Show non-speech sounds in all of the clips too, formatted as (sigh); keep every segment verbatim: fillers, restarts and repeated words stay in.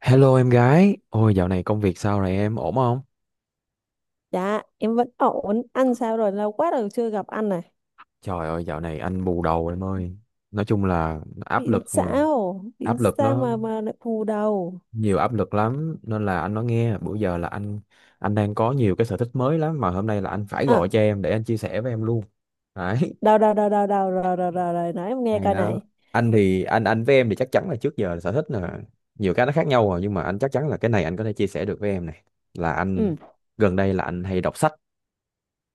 Hello em gái, ôi dạo này công việc sao rồi em, ổn không? Dạ, em vẫn ổn. Ăn sao rồi? Lâu quá rồi chưa gặp anh này. Trời ơi dạo này anh bù đầu em ơi. Nói chung là áp Biển lực, sao? Biển áp lực sao nó mà mà lại phù đầu? nhiều áp lực lắm nên là anh nói nghe, bữa giờ là anh anh đang có nhiều cái sở thích mới lắm mà hôm nay là anh phải gọi À, cho em để anh chia sẻ với em luôn. Đấy, đầu đầu đầu đầu đầu rồi rồi rồi rồi nói em nghe hay coi đó. này. Anh thì anh anh với em thì chắc chắn là trước giờ sở thích là nhiều cái nó khác nhau rồi nhưng mà anh chắc chắn là cái này anh có thể chia sẻ được với em này. Là anh Ừ, gần đây là anh hay đọc sách.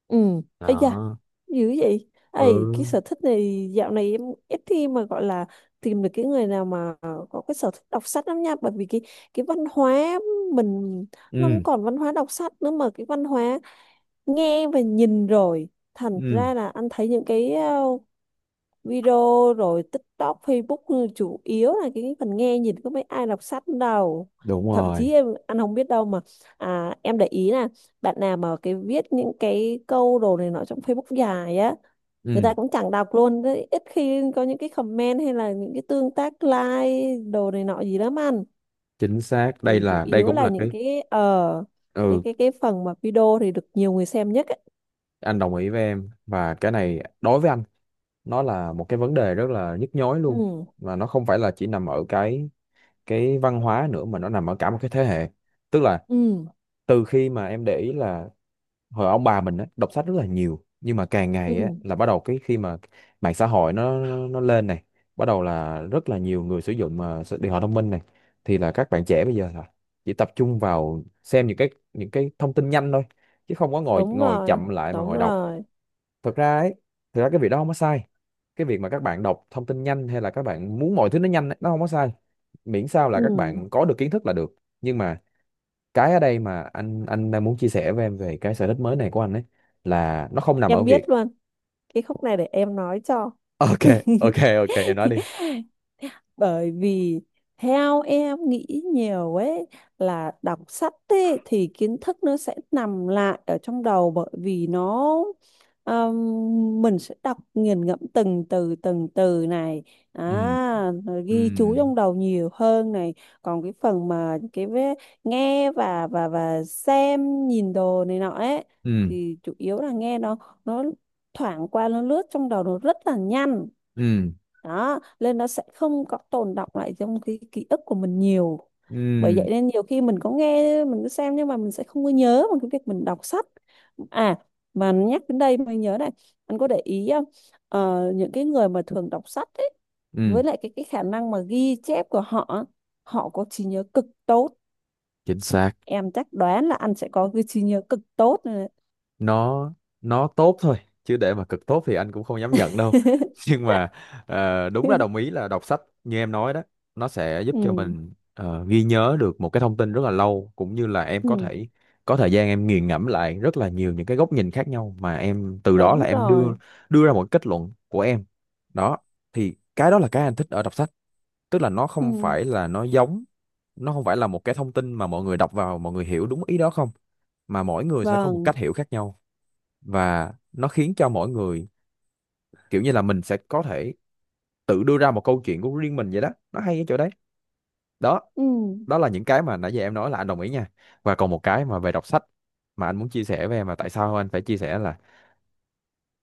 ừ. Ây da, Đó. dữ vậy. Ây, Ừ. cái sở thích này dạo này em ít khi mà gọi là tìm được cái người nào mà có cái sở thích đọc sách lắm nha. Bởi vì cái cái văn hóa mình nó không Ừ. còn văn hóa đọc sách nữa mà cái văn hóa nghe và nhìn rồi. Thành Ừ, ra là anh thấy những cái ờ, video rồi TikTok, Facebook, ừ, chủ yếu là cái phần nghe nhìn có mấy ai đọc sách đâu, đúng thậm rồi. chí em anh không biết đâu mà à, em để ý là bạn nào mà cái viết những cái câu đồ này nọ trong Facebook dài á người Ừ, ta cũng chẳng đọc luôn đấy. Ít khi có những cái comment hay là những cái tương tác like đồ này nọ gì lắm anh chính xác. Đây thì chủ là đây yếu cũng là là những cái cái ờ cái ừ, cái cái phần mà video thì được nhiều người xem nhất ấy. anh đồng ý với em và cái này đối với anh nó là một cái vấn đề rất là nhức nhối luôn Ừ, và nó không phải là chỉ nằm ở cái cái văn hóa nữa mà nó nằm ở cả một cái thế hệ. Tức là ừ, từ khi mà em để ý là hồi ông bà mình á, đọc sách rất là nhiều nhưng mà càng ừ, ngày á, là bắt đầu cái khi mà mạng xã hội nó nó lên này bắt đầu là rất là nhiều người sử dụng mà s- điện thoại thông minh này thì là các bạn trẻ bây giờ là chỉ tập trung vào xem những cái những cái thông tin nhanh thôi chứ không có ngồi đúng ngồi rồi, chậm lại mà đúng ngồi đọc rồi. thực ra ấy, thực ra cái việc đó không có sai, cái việc mà các bạn đọc thông tin nhanh hay là các bạn muốn mọi thứ nó nhanh ấy, nó không có sai, miễn sao là các Ừ, bạn có được kiến thức là được. Nhưng mà cái ở đây mà anh anh đang muốn chia sẻ với em về cái sở thích mới này của anh ấy là nó không nằm ở em biết việc luôn cái khúc này để em nói cho. (laughs) ok. (laughs) Ok, ok em nói đi. (laughs) Bởi vì theo em nghĩ nhiều ấy, là đọc sách ấy, thì kiến thức nó sẽ nằm lại ở trong đầu bởi vì nó, um, mình sẽ đọc nghiền ngẫm từng từ từng từ này, Ừ, à, rồi ừ, ghi chú trong đầu nhiều hơn này. Còn cái phần mà cái vế- nghe và và và xem nhìn đồ này nọ ấy ừ, thì chủ yếu là nghe nó nó thoảng qua nó lướt trong đầu nó rất là nhanh, ừ, đó nên nó sẽ không có tồn đọng lại trong cái ký ức của mình nhiều. Bởi ừ, vậy nên nhiều khi mình có nghe mình có xem nhưng mà mình sẽ không có nhớ bằng cái việc mình đọc sách. À, mà nhắc đến đây mới nhớ này, anh có để ý không? Ờ, những cái người mà thường đọc sách ấy, ừ, với lại cái cái khả năng mà ghi chép của họ họ có trí nhớ cực tốt. chính xác. Em chắc đoán là anh sẽ có cái trí nhớ cực tốt này Nó nó tốt thôi chứ để mà cực tốt thì anh cũng không dám nhận đâu. đấy. (laughs) Nhưng mà ờ, đúng là đồng ý (laughs) là đọc sách như em nói đó, nó sẽ giúp cho Ừ, mình ờ, ghi nhớ được một cái thông tin rất là lâu cũng như là em ừ, có thể có thời gian em nghiền ngẫm lại rất là nhiều những cái góc nhìn khác nhau mà em từ đó là đúng em đưa rồi. đưa ra một kết luận của em. Đó thì cái đó là cái anh thích ở đọc sách, tức là nó không Ừ, phải là nó giống, nó không phải là một cái thông tin mà mọi người đọc vào mọi người hiểu đúng ý đó không, mà mỗi người sẽ có một vâng. cách hiểu khác nhau và nó khiến cho mỗi người kiểu như là mình sẽ có thể tự đưa ra một câu chuyện của riêng mình vậy đó, nó hay ở chỗ đấy. Đó Ừ. đó là những cái mà nãy giờ em nói là anh đồng ý nha. Và còn một cái mà về đọc sách mà anh muốn chia sẻ với em mà tại sao anh phải chia sẻ là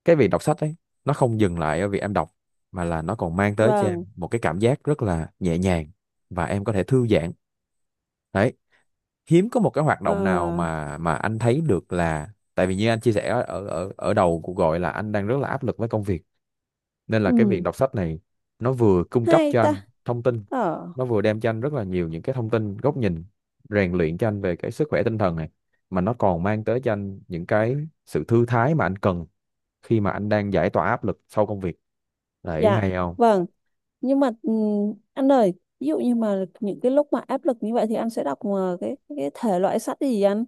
cái việc đọc sách ấy, nó không dừng lại ở việc em đọc mà là nó còn mang tới cho Vâng. em một cái cảm giác rất là nhẹ nhàng và em có thể thư giãn. Đấy, hiếm có một cái hoạt Ờ. động nào mà mà anh thấy được là tại vì như anh chia sẻ ở ở ở đầu cuộc gọi là anh đang rất là áp lực với công việc nên là cái việc Ừ. đọc sách này nó vừa cung cấp Hay cho ta. anh thông tin, Ờ. nó vừa đem cho anh rất là nhiều những cái thông tin góc nhìn, rèn luyện cho anh về cái sức khỏe tinh thần này mà nó còn mang tới cho anh những cái sự thư thái mà anh cần khi mà anh đang giải tỏa áp lực sau công việc. Đấy, Dạ. hay không? Vâng. Nhưng mà ừ, anh ơi, ví dụ như mà những cái lúc mà áp lực như vậy thì anh sẽ đọc ờ, cái cái thể loại sách gì anh?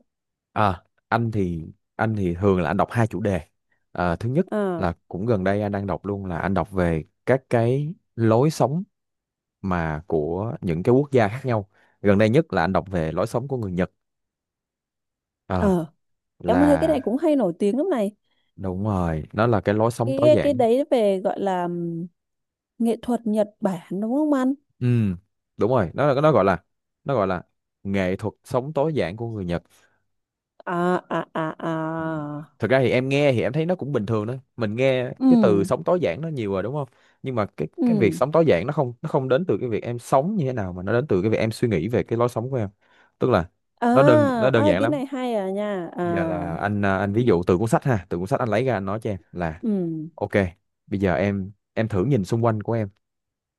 À, anh thì anh thì thường là anh đọc hai chủ đề. À, thứ nhất Ờ, là cũng gần đây anh đang đọc luôn, là anh đọc về các cái lối sống mà của những cái quốc gia khác nhau, gần đây nhất là anh đọc về lối sống của người Nhật. Ờ, ờ, em thấy cái là này cũng hay nổi tiếng lắm này. đúng rồi, nó là cái lối sống cái tối cái, cái giản. đấy về gọi là ừm, nghệ thuật Nhật Bản đúng không anh? Ừ, đúng rồi, nó là nó gọi là nó gọi là nghệ thuật sống tối giản của người Nhật. À, à, à, Ừ. à. Thực ra thì em nghe thì em thấy nó cũng bình thường đó, mình nghe Ừ, cái từ sống tối giản nó nhiều rồi đúng không, nhưng mà cái ừ. cái việc sống tối giản nó không nó không đến từ cái việc em sống như thế nào mà nó đến từ cái việc em suy nghĩ về cái lối sống của em. Tức là nó đơn nó À, đơn à, giản cái lắm. này hay à nha à. Bây giờ là anh à, anh ví dụ từ cuốn sách ha, từ cuốn sách anh lấy ra anh nói cho em là Ừ, ok, bây giờ em em thử nhìn xung quanh của em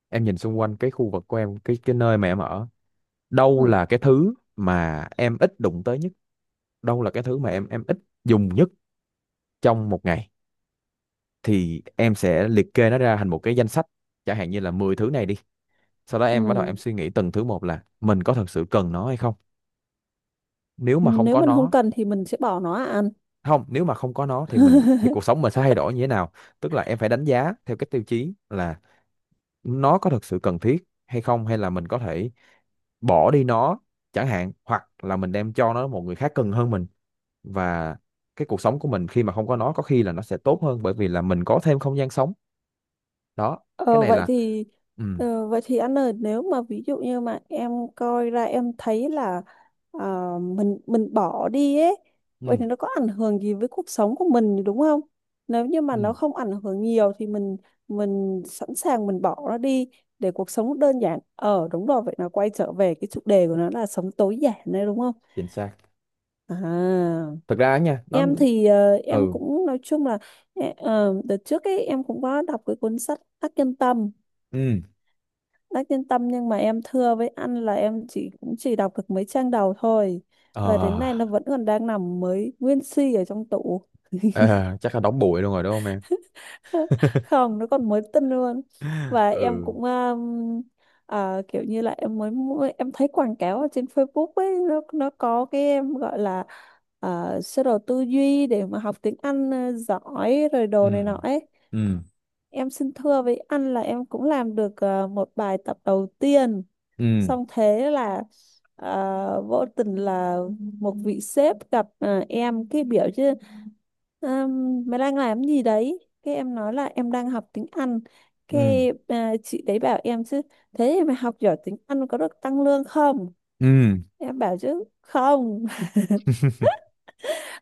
em nhìn xung quanh cái khu vực của em, cái cái nơi mà em ở, đâu ừ, là cái thứ mà em ít đụng tới nhất, đâu là cái thứ mà em em ít dùng nhất trong một ngày, thì em sẽ liệt kê nó ra thành một cái danh sách, chẳng hạn như là mười thứ này đi, sau đó em bắt đầu ừ. em suy nghĩ từng thứ một là mình có thật sự cần nó hay không. Nếu mà không Nếu có mình không nó, cần thì mình sẽ bỏ nó à anh? không, nếu mà không có nó thì mình thì cuộc sống (laughs) mình sẽ thay đổi như thế nào, tức là em phải đánh giá theo cái tiêu chí là nó có thật sự cần thiết hay không, hay là mình có thể bỏ đi nó chẳng hạn, hoặc là mình đem cho nó một người khác cần hơn mình, và cái cuộc sống của mình khi mà không có nó có khi là nó sẽ tốt hơn bởi vì là mình có thêm không gian sống. Đó, cái Ờ, này vậy là thì ừ, ờ, vậy thì anh ơi, nếu mà ví dụ như mà em coi ra em thấy là ờ, mình mình bỏ đi ấy, vậy ừ, thì nó có ảnh hưởng gì với cuộc sống của mình đúng không? Nếu như mà ừ, nó không ảnh hưởng nhiều thì mình mình sẵn sàng mình bỏ nó đi để cuộc sống đơn giản. Ờ, đúng rồi, vậy nó quay trở về cái chủ đề của nó là sống tối giản đấy đúng không? chính xác. À, Thực ra á nha, nó em thì ờ, em ừ, cũng nói chung là ờ, đợt trước ấy em cũng có đọc cái cuốn sách Đắc Nhân Tâm ừ, Đắc Nhân Tâm nhưng mà em thưa với anh là em chỉ cũng chỉ đọc được mấy trang đầu thôi, ờ và đến nay nó vẫn còn đang nằm mới nguyên si ở trong tủ. ờ, chắc là đóng bụi luôn rồi đúng không em? (laughs) Không, nó còn mới tinh luôn. (laughs) Và em Ừ, cũng um, à, kiểu như là em mới mua- em thấy quảng cáo ở trên Facebook ấy, nó nó có cái em gọi là uh, sơ đồ tư duy để mà học tiếng Anh ờ, giỏi rồi đồ ừ, này nọ ấy. ừ, Em xin thưa với anh là em cũng làm được ờ, một bài tập đầu tiên, ừ, xong thế là ờ, vô tình là một vị sếp gặp ờ, em cái biểu chứ "Ờm, mày đang làm gì đấy, cái em nói là em đang học tiếng Anh, ừ, cái à, chị đấy bảo em chứ thế thì mày học giỏi tiếng Anh có được tăng lương không? ừ. Em bảo chứ không. (laughs)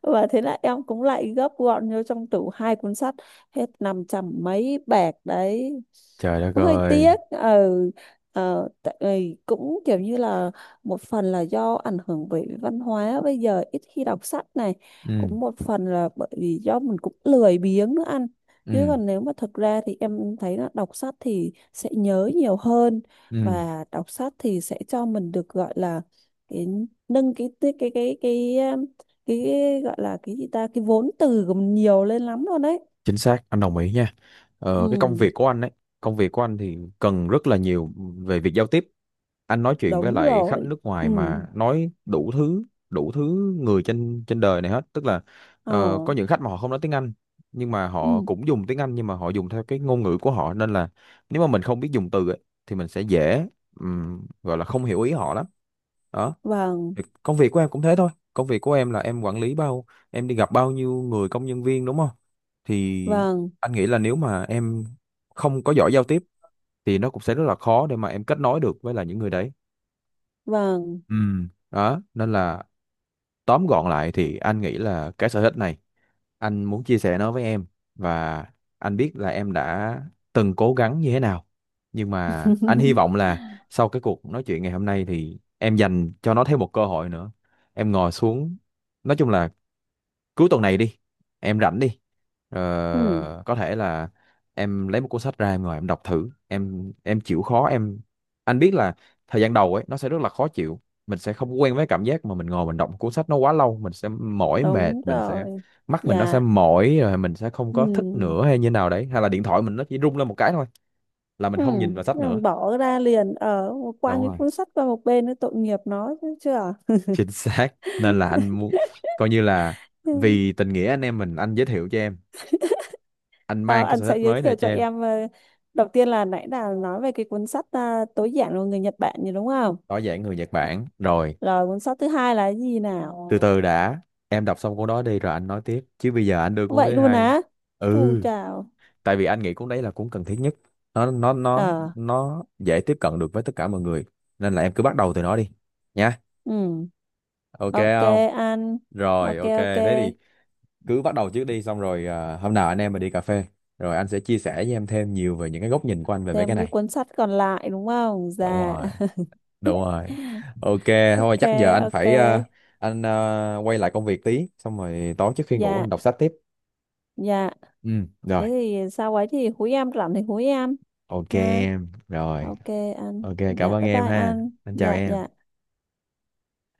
Và thế là em cũng lại gấp gọn vô trong tủ hai cuốn sách, hết năm trăm mấy bạc đấy, Trời đất hơi ơi. tiếc. Ừ, ờ, tại vì cũng kiểu như là một phần là do ảnh hưởng bởi văn hóa bây giờ ít khi đọc sách này, Ừ, cũng một phần là bởi vì do mình cũng lười biếng nữa anh. Chứ ừ, còn nếu mà thật ra thì em thấy là đọc sách thì sẽ nhớ nhiều hơn, ừ, và đọc sách thì sẽ cho mình được gọi là cái nâng cái cái cái cái cái cái gọi là cái gì ta cái vốn từ của mình nhiều lên lắm luôn đấy. chính xác, anh đồng ý nha. Ừ, Ờ, cái công việc của anh ấy, công việc của anh thì cần rất là nhiều về việc giao tiếp, anh nói chuyện với đúng lại khách rồi. nước Ừ. ngoài mà nói đủ thứ, đủ thứ người trên trên đời này hết, tức là Ờ. ờ, có những khách mà họ không nói tiếng Anh nhưng mà họ Ừ. cũng dùng tiếng Anh nhưng mà họ dùng theo cái ngôn ngữ của họ nên là nếu mà mình không biết dùng từ ấy, thì mình sẽ dễ ừm, gọi là không hiểu ý họ lắm. Đó, Vâng, thì công việc của em cũng thế thôi, công việc của em là em quản lý bao, em đi gặp bao nhiêu người công nhân viên đúng không, thì vâng, anh nghĩ là nếu mà em không có giỏi giao tiếp thì nó cũng sẽ rất là khó để mà em kết nối được với lại những người đấy. vâng. Ừ, đó nên là tóm gọn lại thì anh nghĩ là cái sở thích này anh muốn chia sẻ nó với em, và anh biết là em đã từng cố gắng như thế nào, nhưng mà anh hy vọng (laughs) là sau cái cuộc nói chuyện ngày hôm nay thì em dành cho nó thêm một cơ hội nữa. Em ngồi xuống, nói chung là cuối tuần này đi, em rảnh đi, Ừ, Ờ, có thể là em lấy một cuốn sách ra em ngồi em đọc thử em em chịu khó em, anh biết là thời gian đầu ấy nó sẽ rất là khó chịu, mình sẽ không quen với cảm giác mà mình ngồi mình đọc một cuốn sách nó quá lâu, mình sẽ mỏi mệt, đúng mình sẽ rồi. mắt mình nó sẽ Dạ. mỏi rồi mình sẽ không Ừ, có thích nữa hay như nào đấy, hay là điện thoại mình nó chỉ rung lên một cái thôi là mình ừ. không nhìn vào Thế sách là nữa. bỏ ra liền ở, quăng Đúng cái rồi. cuốn sách qua một bên, nó tội nghiệp nó chứ chưa. (laughs) Chính xác, nên là anh muốn coi như là Ừ. vì tình nghĩa anh em mình anh giới thiệu cho em, anh Tao mang cái anh sở thích sẽ giới mới này thiệu cho cho em. em ờ, đầu tiên là nãy là nói về cái cuốn sách à, tối giản của người Nhật Bản gì đúng không? Tối giản người Nhật Bản rồi. Rồi cuốn sách thứ hai là cái gì Từ nào? từ đã, em đọc xong cuốn đó đi rồi anh nói tiếp chứ bây giờ anh đưa cuốn Vậy thứ luôn hai. á? Ừ, Chu chào. tại vì anh nghĩ cuốn đấy là cuốn cần thiết nhất, nó nó nó Ờ, nó dễ tiếp cận được với tất cả mọi người nên là em cứ bắt đầu từ nó đi nha. ừ, Ok ok không? ăn. Rồi, Ok, ok ok. thế thì cứ bắt đầu trước đi, xong rồi à, hôm nào anh em mình đi cà phê rồi anh sẽ chia sẻ với em thêm nhiều về những cái góc nhìn của anh về mấy cái Thêm cái này. cuốn sách còn lại đúng không? Đúng Dạ. rồi, đúng rồi. (laughs) Ok, Ok, thôi chắc giờ anh ok. phải ờ, anh ờ, quay lại công việc tí xong rồi tối trước khi ngủ Dạ, anh đọc sách tiếp. dạ. Ừ, rồi, Thế thì sau ấy thì húi em rảnh thì húi em. ok Ha. em, rồi, Ok, ăn. ok cảm Dạ, ơn bye em bye ha, ăn. anh chào Dạ, em. dạ.